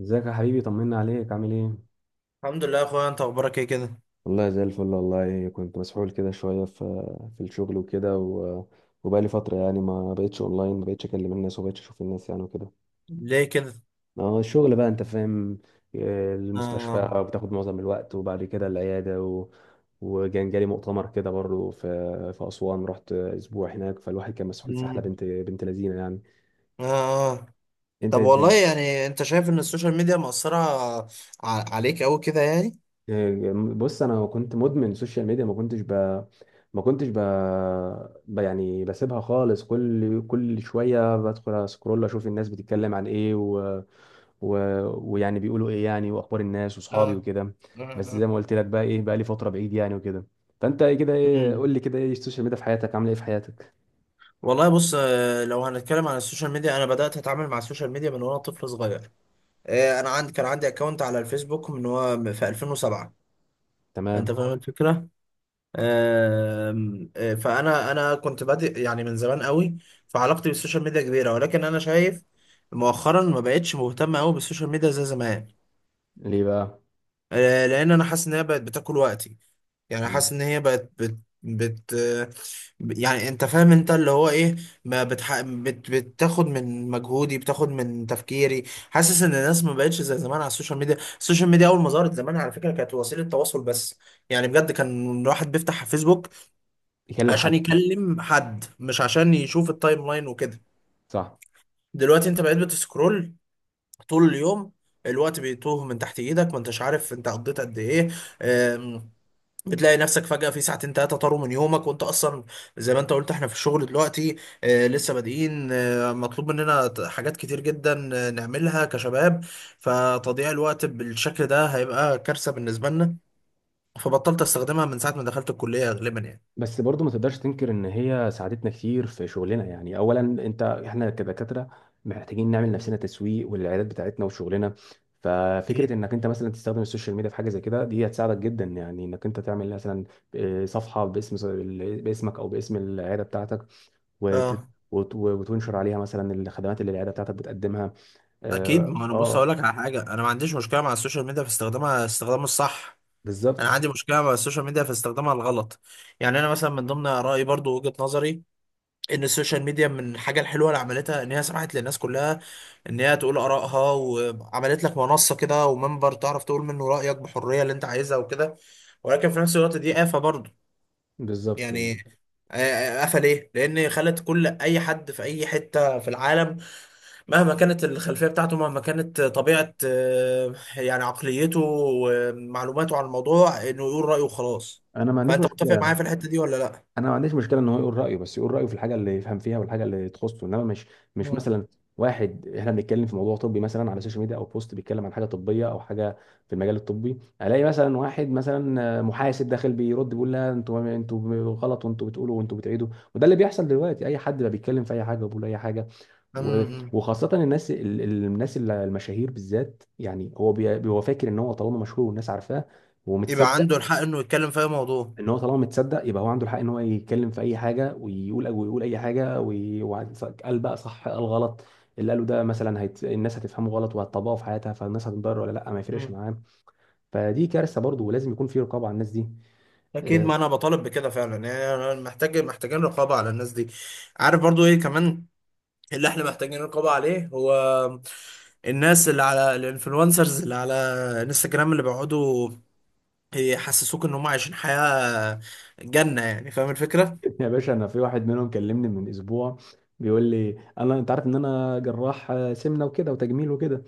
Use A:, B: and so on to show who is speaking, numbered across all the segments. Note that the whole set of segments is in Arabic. A: ازيك يا حبيبي؟ طمنا عليك، عامل ايه؟
B: الحمد لله يا اخويا، انت اخبارك ايه كده؟
A: والله زي الفل. والله كنت مسحول كده شوية في الشغل وكده وبقالي فترة يعني ما بقتش اونلاين، ما بقتش اكلم الناس وما بقتش اشوف الناس يعني وكده.
B: ليه كده؟
A: ما هو الشغل بقى، انت فاهم.
B: اه.
A: المستشفى بتاخد معظم الوقت وبعد كده العيادة وكان جالي مؤتمر كده برضه في في أسوان، رحت أسبوع هناك. فالواحد كان مسحول سحلة،
B: امم
A: بنت بنت لذينة يعني.
B: اه آه.
A: انت
B: طب والله يعني، انت شايف ان السوشيال ميديا مأثرة عليك قوي كده يعني؟
A: إيه، بص، انا كنت مدمن سوشيال ميديا. ما كنتش ب ما كنتش ب... ب... يعني بسيبها خالص كل شويه بدخل اسكرول اشوف الناس بتتكلم عن ايه و... ويعني بيقولوا ايه يعني، واخبار الناس
B: اه.
A: واصحابي وكده.
B: اه.
A: بس زي
B: اه.
A: ما قلت لك، بقى ايه، بقى لي فتره بعيد يعني وكده. فانت إيه كده، ايه، قول
B: امم
A: لي كده، ايه السوشيال ميديا في حياتك، عامله ايه في حياتك؟
B: والله بص. لو هنتكلم عن السوشيال ميديا، انا بدأت اتعامل مع السوشيال ميديا من وانا طفل صغير. انا عندي كان عندي اكونت على الفيسبوك من هو في 2007. انت
A: تمام.
B: فاهم الفكرة؟ آم، آه، فانا كنت بادئ يعني من زمان قوي. فعلاقتي بالسوشيال ميديا كبيره، ولكن انا شايف مؤخرا ما بقتش مهتم قوي بالسوشيال ميديا زي زمان.
A: ليه بقى؟
B: لان انا حاسس ان هي بقت بتاكل وقتي. يعني
A: مم.
B: حاسس ان هي بقت بت بت آه، يعني انت فاهم انت اللي هو ايه. ما بتح... بت... بتاخد من مجهودي، بتاخد من تفكيري. حاسس ان الناس ما بقتش زي زمان على السوشيال ميديا. السوشيال ميديا اول ما ظهرت زمان على فكره كانت وسيله تواصل بس. يعني بجد كان الواحد بيفتح فيسبوك
A: يكلم
B: عشان
A: حد.
B: يكلم حد، مش عشان يشوف التايم لاين وكده.
A: صح.
B: دلوقتي انت بقيت بتسكرول طول اليوم. الوقت بيتوه من تحت ايدك، ما انتش عارف انت قضيت قد ايه. آم، بتلاقي نفسك فجأة في ساعتين تلاتة طاروا من يومك، وانت اصلا زي ما انت قلت احنا في الشغل دلوقتي. لسه بادئين. مطلوب مننا حاجات كتير جدا، نعملها كشباب. فتضييع الوقت بالشكل ده هيبقى كارثة بالنسبة لنا. فبطلت استخدمها من ساعة ما دخلت الكلية غالبا يعني.
A: بس برضو ما تقدرش تنكر ان هي ساعدتنا كتير في شغلنا يعني. اولا انت احنا كدكاتره محتاجين نعمل نفسنا تسويق والعيادات بتاعتنا وشغلنا. ففكره
B: أكيد.
A: انك انت مثلا تستخدم السوشيال ميديا في حاجه زي كده، دي هتساعدك جدا يعني، انك انت تعمل مثلا صفحه باسم، باسمك او باسم العياده بتاعتك وت...
B: اه.
A: وتنشر عليها مثلا الخدمات اللي العياده بتاعتك بتقدمها.
B: اكيد،
A: اه
B: ما انا بص اقول
A: آه،
B: لك على حاجه، انا ما عنديش مشكله مع السوشيال ميديا في استخدامها، استخدامه الصح. انا
A: بالظبط،
B: عندي مشكله مع السوشيال ميديا في استخدامها الغلط. يعني انا مثلا من ضمن رايي برضو وجهه نظري ان السوشيال ميديا من الحاجه الحلوه اللي عملتها ان هي سمحت للناس كلها ان هي تقول ارائها، وعملت لك منصه كده ومنبر تعرف تقول منه رايك بحريه اللي انت عايزها وكده. ولكن في نفس الوقت دي آفة برضو.
A: بالظبط،
B: يعني
A: بالظبط.
B: آفة ليه؟ لأن خلت كل أي حد في أي حتة في العالم، مهما كانت الخلفية بتاعته، مهما كانت طبيعة يعني عقليته ومعلوماته عن الموضوع، انه يقول رأيه وخلاص.
A: انا ما عنديش
B: فانت متفق معايا
A: مشكله.
B: في الحتة دي ولا لا؟
A: انا ما عنديش مشكله ان هو يقول رايه، بس يقول رايه في الحاجه اللي يفهم فيها والحاجه اللي تخصه. انما مش
B: مم.
A: مثلا واحد، احنا بنتكلم في موضوع طبي مثلا على السوشيال ميديا، او بوست بيتكلم عن حاجه طبيه او حاجه في المجال الطبي، الاقي مثلا واحد مثلا محاسب داخل بيرد بيقول لا، انتوا انتوا غلط وانتوا بتقولوا وانتوا بتعيدوا. وده اللي بيحصل دلوقتي، اي حد بقى بيتكلم في اي حاجه وبيقول اي حاجه. و-
B: مم.
A: وخاصه الناس الناس المشاهير بالذات يعني، هو فاكر ان هو طالما مشهور والناس عارفاه
B: يبقى
A: ومتصدق،
B: عنده الحق انه يتكلم في اي موضوع.
A: ان هو طالما متصدق يبقى هو عنده الحق ان هو يتكلم في اي حاجه، ويقول ويقول اي حاجه قال بقى صح قال غلط. اللي قاله ده مثلا الناس هتفهمه غلط وهتطبقه في حياتها، فالناس هتتضرر ولا لا ما يفرقش
B: مم.
A: معاه. فدي كارثه برضه، ولازم يكون في رقابه على الناس دي.
B: اكيد،
A: آه.
B: ما انا بطالب بكده فعلا يعني. أنا محتاجين رقابه على الناس دي. عارف برضو ايه كمان اللي احنا محتاجين رقابه عليه؟ هو الناس اللي على الانفلونسرز اللي على انستجرام، اللي بيقعدوا يحسسوك ان هم عايشين حياة جنة. يعني فاهم الفكرة؟
A: يا باشا، انا في واحد منهم كلمني من اسبوع، بيقول لي انا، انت عارف ان انا جراح سمنه وكده وتجميل وكده.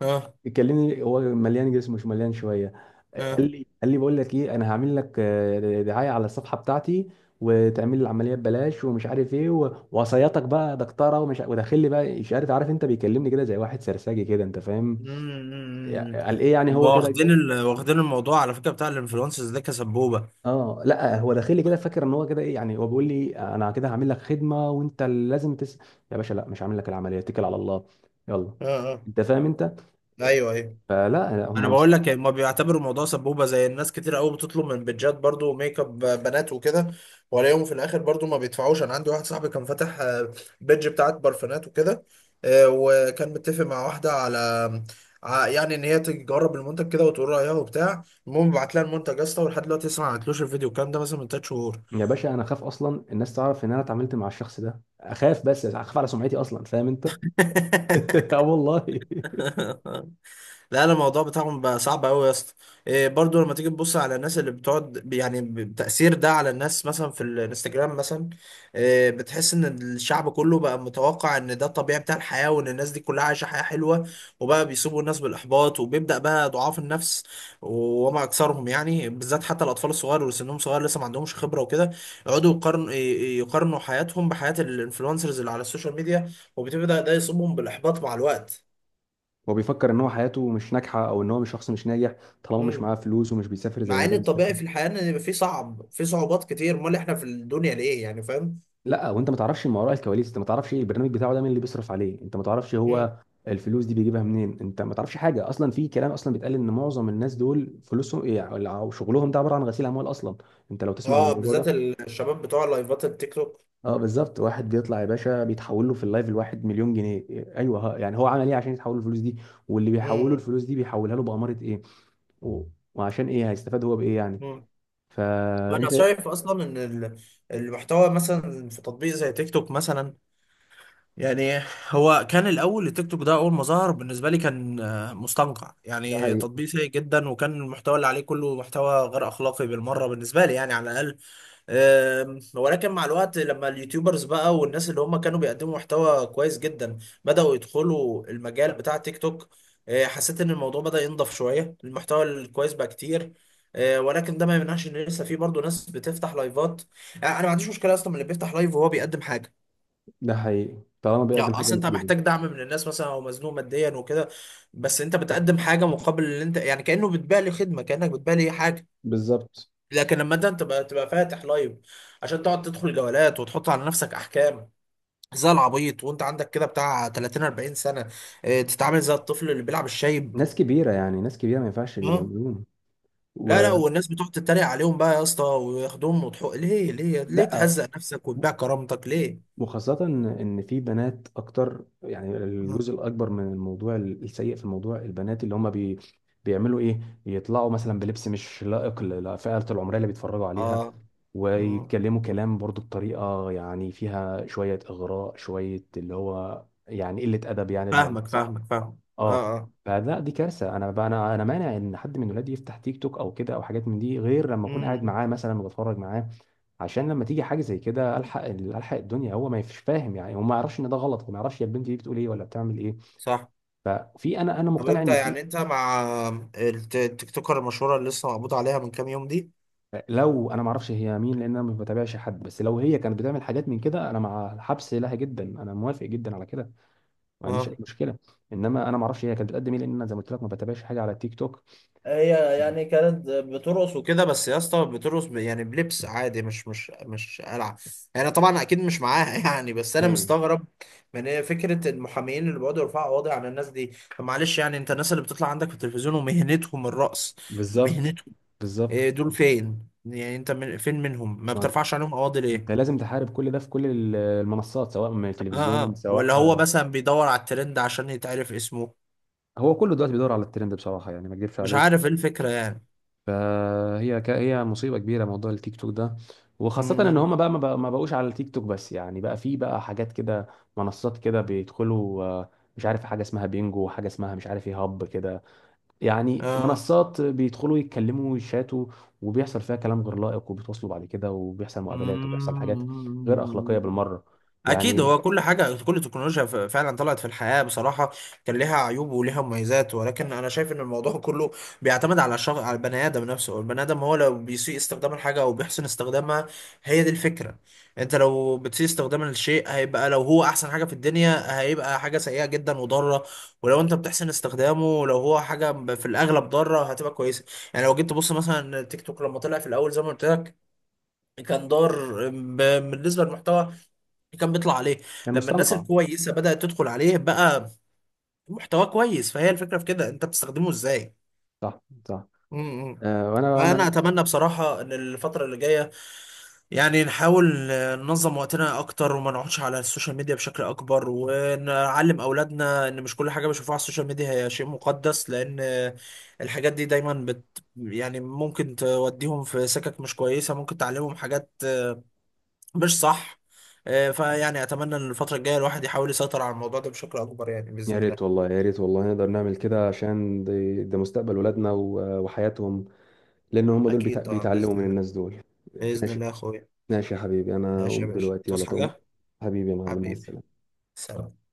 B: اه.
A: كلمني هو مليان جسم، مش مليان شويه. قال
B: اه.
A: لي، قال لي بقول لك ايه، انا هعمل لك دعايه على الصفحه بتاعتي وتعمل لي العمليه ببلاش ومش عارف ايه وصياتك بقى يا دكتوره، ومش وداخل لي بقى اشاره. عارف انت، بيكلمني كده زي واحد سرساجي كده، انت فاهم؟
B: امم
A: قال ايه يعني، هو كده.
B: واخدين الموضوع على فكرة بتاع الانفلونسرز ده كسبوبة.
A: اه لا، هو داخل لي كده فاكر ان هو كده ايه يعني، هو بيقول لي انا كده هعمل لك خدمه وانت اللي لازم تس. يا باشا لا، مش هعمل لك العمليه، اتكل على الله. يلا.
B: اه. اه.
A: انت فاهم انت.
B: ايوه. ايوه،
A: فلا
B: انا
A: هم.
B: بقول لك ما بيعتبروا الموضوع سبوبه زي الناس كتير قوي، بتطلب من بيدجات برضو ميك اب بنات وكده، ولاقيهم في الاخر برضو ما بيدفعوش. انا عندي واحد صاحبي كان فاتح بيدج بتاعت برفانات وكده. وكان متفق مع واحده على يعني ان هي تجرب المنتج كده وتقول رايها وبتاع. المهم بعت لها المنتج يا اسطى، ولحد دلوقتي لسه ما عملتلوش الفيديو الكلام ده، مثلا من تلات شهور.
A: يا باشا انا اخاف اصلا الناس تعرف ان انا اتعاملت مع الشخص ده، اخاف بس اخاف على سمعتي اصلا، فاهم انت. اه والله.
B: لا لا، الموضوع بتاعهم بقى صعب قوي يا اسطى. إيه برضو لما تيجي تبص على الناس اللي بتقعد يعني بتأثير ده على الناس مثلا في الانستجرام مثلا. إيه، بتحس ان الشعب كله بقى متوقع ان ده الطبيعي بتاع الحياة، وان الناس دي كلها عايشة حياة حلوة. وبقى بيسوبوا الناس بالإحباط، وبيبدأ بقى ضعاف النفس وما أكثرهم، يعني بالذات حتى الأطفال الصغار واللي سنهم صغير لسه ما عندهمش خبرة وكده، يقعدوا يقارنوا يقارنوا حياتهم بحياة الانفلونسرز اللي على السوشيال ميديا. وبتبدأ ده يصيبهم بالإحباط مع الوقت.
A: هو بيفكر ان هو حياته مش ناجحه، او ان هو مش شخص مش ناجح طالما مش
B: إمم.
A: معاه فلوس ومش بيسافر زي
B: مع
A: ما
B: ان
A: ده بيسافر.
B: الطبيعي في الحياه ان يبقى في صعوبات كتير، امال احنا في الدنيا ليه يعني؟ فاهم؟
A: لا، وانت ما تعرفش ما وراء الكواليس، انت ما تعرفش ايه البرنامج بتاعه ده، مين اللي بيصرف عليه، انت ما تعرفش
B: مم.
A: هو الفلوس دي بيجيبها منين. انت ما تعرفش حاجه اصلا. في كلام اصلا بيتقال ان معظم الناس دول فلوسهم ايه، او أو شغلهم ده عباره عن غسيل اموال اصلا، انت لو تسمع عن
B: اه،
A: الموضوع
B: بالذات
A: ده.
B: الشباب بتوع لايفات التيك توك.
A: اه بالظبط. واحد بيطلع يا باشا بيتحول له في اللايف الواحد مليون جنيه. ايوه، يعني هو عمل ايه عشان يتحول له الفلوس دي؟ واللي بيحوله
B: مم.
A: الفلوس دي بيحولها له بأمارة ايه؟ و- وعشان ايه هيستفاد هو بإيه يعني؟
B: مم. انا
A: فانت.
B: شايف اصلا ان المحتوى مثلا في تطبيق زي تيك توك مثلا يعني. هو كان الاول التيك توك ده اول ما ظهر بالنسبه لي كان مستنقع،
A: ده
B: يعني
A: حقيقي.
B: تطبيق سيء جدا، وكان المحتوى اللي عليه كله محتوى غير اخلاقي بالمره بالنسبه لي يعني على الاقل. ولكن مع الوقت لما اليوتيوبرز بقى والناس اللي هم كانوا بيقدموا محتوى كويس جدا بدأوا يدخلوا المجال بتاع تيك توك، حسيت ان الموضوع بدأ ينضف شوية، المحتوى الكويس بقى كتير. ولكن ده ما يمنعش ان لسه في برضه ناس بتفتح لايفات. يعني انا ما عنديش مشكلة اصلا من اللي بيفتح لايف وهو بيقدم حاجة.
A: ده حقيقي طالما
B: يعني
A: بيقدم حاجة
B: اصل انت
A: مفيدة.
B: محتاج دعم من الناس مثلا، او مزنوق ماديا وكده، بس انت بتقدم حاجة مقابل اللي انت يعني، كأنه بتبيع لي خدمة، كأنك بتبيع لي حاجة.
A: بالظبط.
B: لكن لما انت تبقى فاتح لايف عشان تقعد تدخل جولات وتحط على نفسك احكام زي العبيط، وانت عندك كده بتاع 30 40 سنه، اه، تتعامل زي الطفل اللي بيلعب الشايب.
A: ناس كبيرة يعني، ناس كبيرة ما ينفعش اللي
B: اه.
A: بيعملوه.
B: لا لا، والناس بتقعد تتريق عليهم بقى يا اسطى وياخدوهم، وتحق، ليه ليه ليه
A: ولا.
B: تهزق نفسك وتبيع كرامتك ليه؟
A: وخاصة إن في بنات أكتر يعني،
B: آه.
A: الجزء الأكبر من الموضوع السيء في الموضوع البنات اللي هم بيعملوا إيه؟ يطلعوا مثلا بلبس مش لائق للفئة العمرية اللي بيتفرجوا عليها،
B: اه. مم.
A: ويتكلموا كلام برضو بطريقة يعني فيها شوية إغراء، شوية اللي هو يعني قلة أدب يعني، بمعنى
B: فاهمك
A: صح؟
B: فاهمك فاهم.
A: آه.
B: اه. اه.
A: فده دي كارثة. أنا بقى، أنا مانع إن حد من ولادي يفتح تيك توك أو كده أو حاجات من دي غير لما أكون قاعد
B: مم.
A: معاه مثلا وبتفرج معاه. عشان لما تيجي حاجه زي كده الحق الحق الدنيا، هو ما يفش فاهم يعني، هو ما يعرفش ان ده غلط وما يعرفش هي البنت دي بتقول ايه ولا بتعمل ايه.
B: صح.
A: ففي، انا
B: طب
A: مقتنع
B: انت
A: ان في.
B: يعني انت مع التيك توكر المشهوره اللي لسه مقبوض عليها من كام يوم دي؟
A: لو انا ما اعرفش هي مين لان انا ما بتابعش حد، بس لو هي كانت بتعمل حاجات من كده انا مع الحبس لها جدا، انا موافق جدا على كده. ما عنديش اي
B: اه.
A: مشكله. انما انا ما اعرفش هي كانت بتقدم ايه، لان انا زي ما قلت لك ما بتابعش حاجه على التيك توك.
B: هي يعني كانت بترقص وكده بس يا اسطى، بترقص يعني بلبس عادي، مش مش مش قلعه. يعني طبعا اكيد مش معاها يعني. بس انا
A: ايوه.
B: مستغرب من إيه فكره المحامين اللي بيقعدوا يرفعوا قواضي على الناس دي. طب معلش يعني، انت الناس اللي بتطلع عندك في التلفزيون ومهنتهم الرقص،
A: بالظبط،
B: مهنتهم إيه؟
A: بالظبط.
B: دول فين يعني انت من فين منهم، ما
A: ما
B: بترفعش عليهم قواضي
A: انت
B: ليه؟
A: لازم تحارب كل ده في كل المنصات، سواء من
B: اه.
A: التلفزيون
B: اه. ولا
A: سواء.
B: هو مثلا بيدور على الترند عشان يتعرف اسمه؟
A: هو كله دلوقتي بيدور على الترند بصراحه يعني، ما اكذبش
B: مش
A: عليك.
B: عارف ايه الفكره يعني.
A: هي مصيبة كبيرة موضوع التيك توك ده.
B: م-
A: وخاصة ان
B: م-
A: هم بقى ما بقوش على التيك توك بس يعني، بقى في بقى حاجات كده، منصات كده بيدخلوا، مش عارف حاجة اسمها بينجو وحاجة اسمها مش عارف ايه، هب كده. يعني
B: اه،
A: منصات بيدخلوا يتكلموا ويشاتوا، وبيحصل فيها كلام غير لائق، وبيتواصلوا بعد كده وبيحصل مقابلات وبيحصل حاجات غير أخلاقية بالمرة،
B: اكيد،
A: يعني.
B: هو كل حاجه كل تكنولوجيا فعلا طلعت في الحياه بصراحه كان ليها عيوب وليها مميزات، ولكن انا شايف ان الموضوع كله بيعتمد على الشخص، على البني ادم نفسه. البني ادم هو لو بيسيء استخدام الحاجه او بيحسن استخدامها، هي دي الفكره. انت لو بتسيء استخدام الشيء هيبقى، لو هو احسن حاجه في الدنيا هيبقى حاجه سيئه جدا وضاره. ولو انت بتحسن استخدامه، لو هو حاجه في الاغلب ضاره، هتبقى كويسه. يعني لو جيت تبص مثلا التيك توك لما طلع في الاول زي ما قلت لك، كان دار بالنسبه للمحتوى كان بيطلع عليه.
A: كان
B: لما الناس
A: مستنقع.
B: الكويسه بدأت تدخل عليه، بقى محتوى كويس. فهي الفكره في كده، انت بتستخدمه ازاي.
A: صح. صح.
B: امم.
A: وانا
B: فانا
A: انا
B: اتمنى بصراحه ان الفتره اللي جايه يعني نحاول ننظم وقتنا اكتر، وما نقعدش على السوشيال ميديا بشكل اكبر، ونعلم اولادنا ان مش كل حاجه بيشوفوها على السوشيال ميديا هي شيء مقدس، لان الحاجات دي دايما بت يعني ممكن توديهم في سكك مش كويسه، ممكن تعلمهم حاجات مش صح. فيعني اتمنى ان الفتره الجايه الواحد يحاول يسيطر على الموضوع ده بشكل اكبر يعني
A: يا
B: باذن
A: ريت
B: الله.
A: والله، يا ريت والله نقدر نعمل كده، عشان ده مستقبل ولادنا وحياتهم، لان هم دول
B: اكيد طبعا
A: بيتعلموا
B: باذن
A: من
B: الله.
A: الناس دول.
B: باذن
A: ماشي.
B: الله يا اخويا.
A: ماشي يا حبيبي، انا
B: ماشي يا
A: اقوم
B: باشا،
A: دلوقتي، يلا
B: تصحى
A: تقوم.
B: حاجه؟
A: حبيبي يا معلم، مع
B: حبيبي.
A: السلامة.
B: سلام.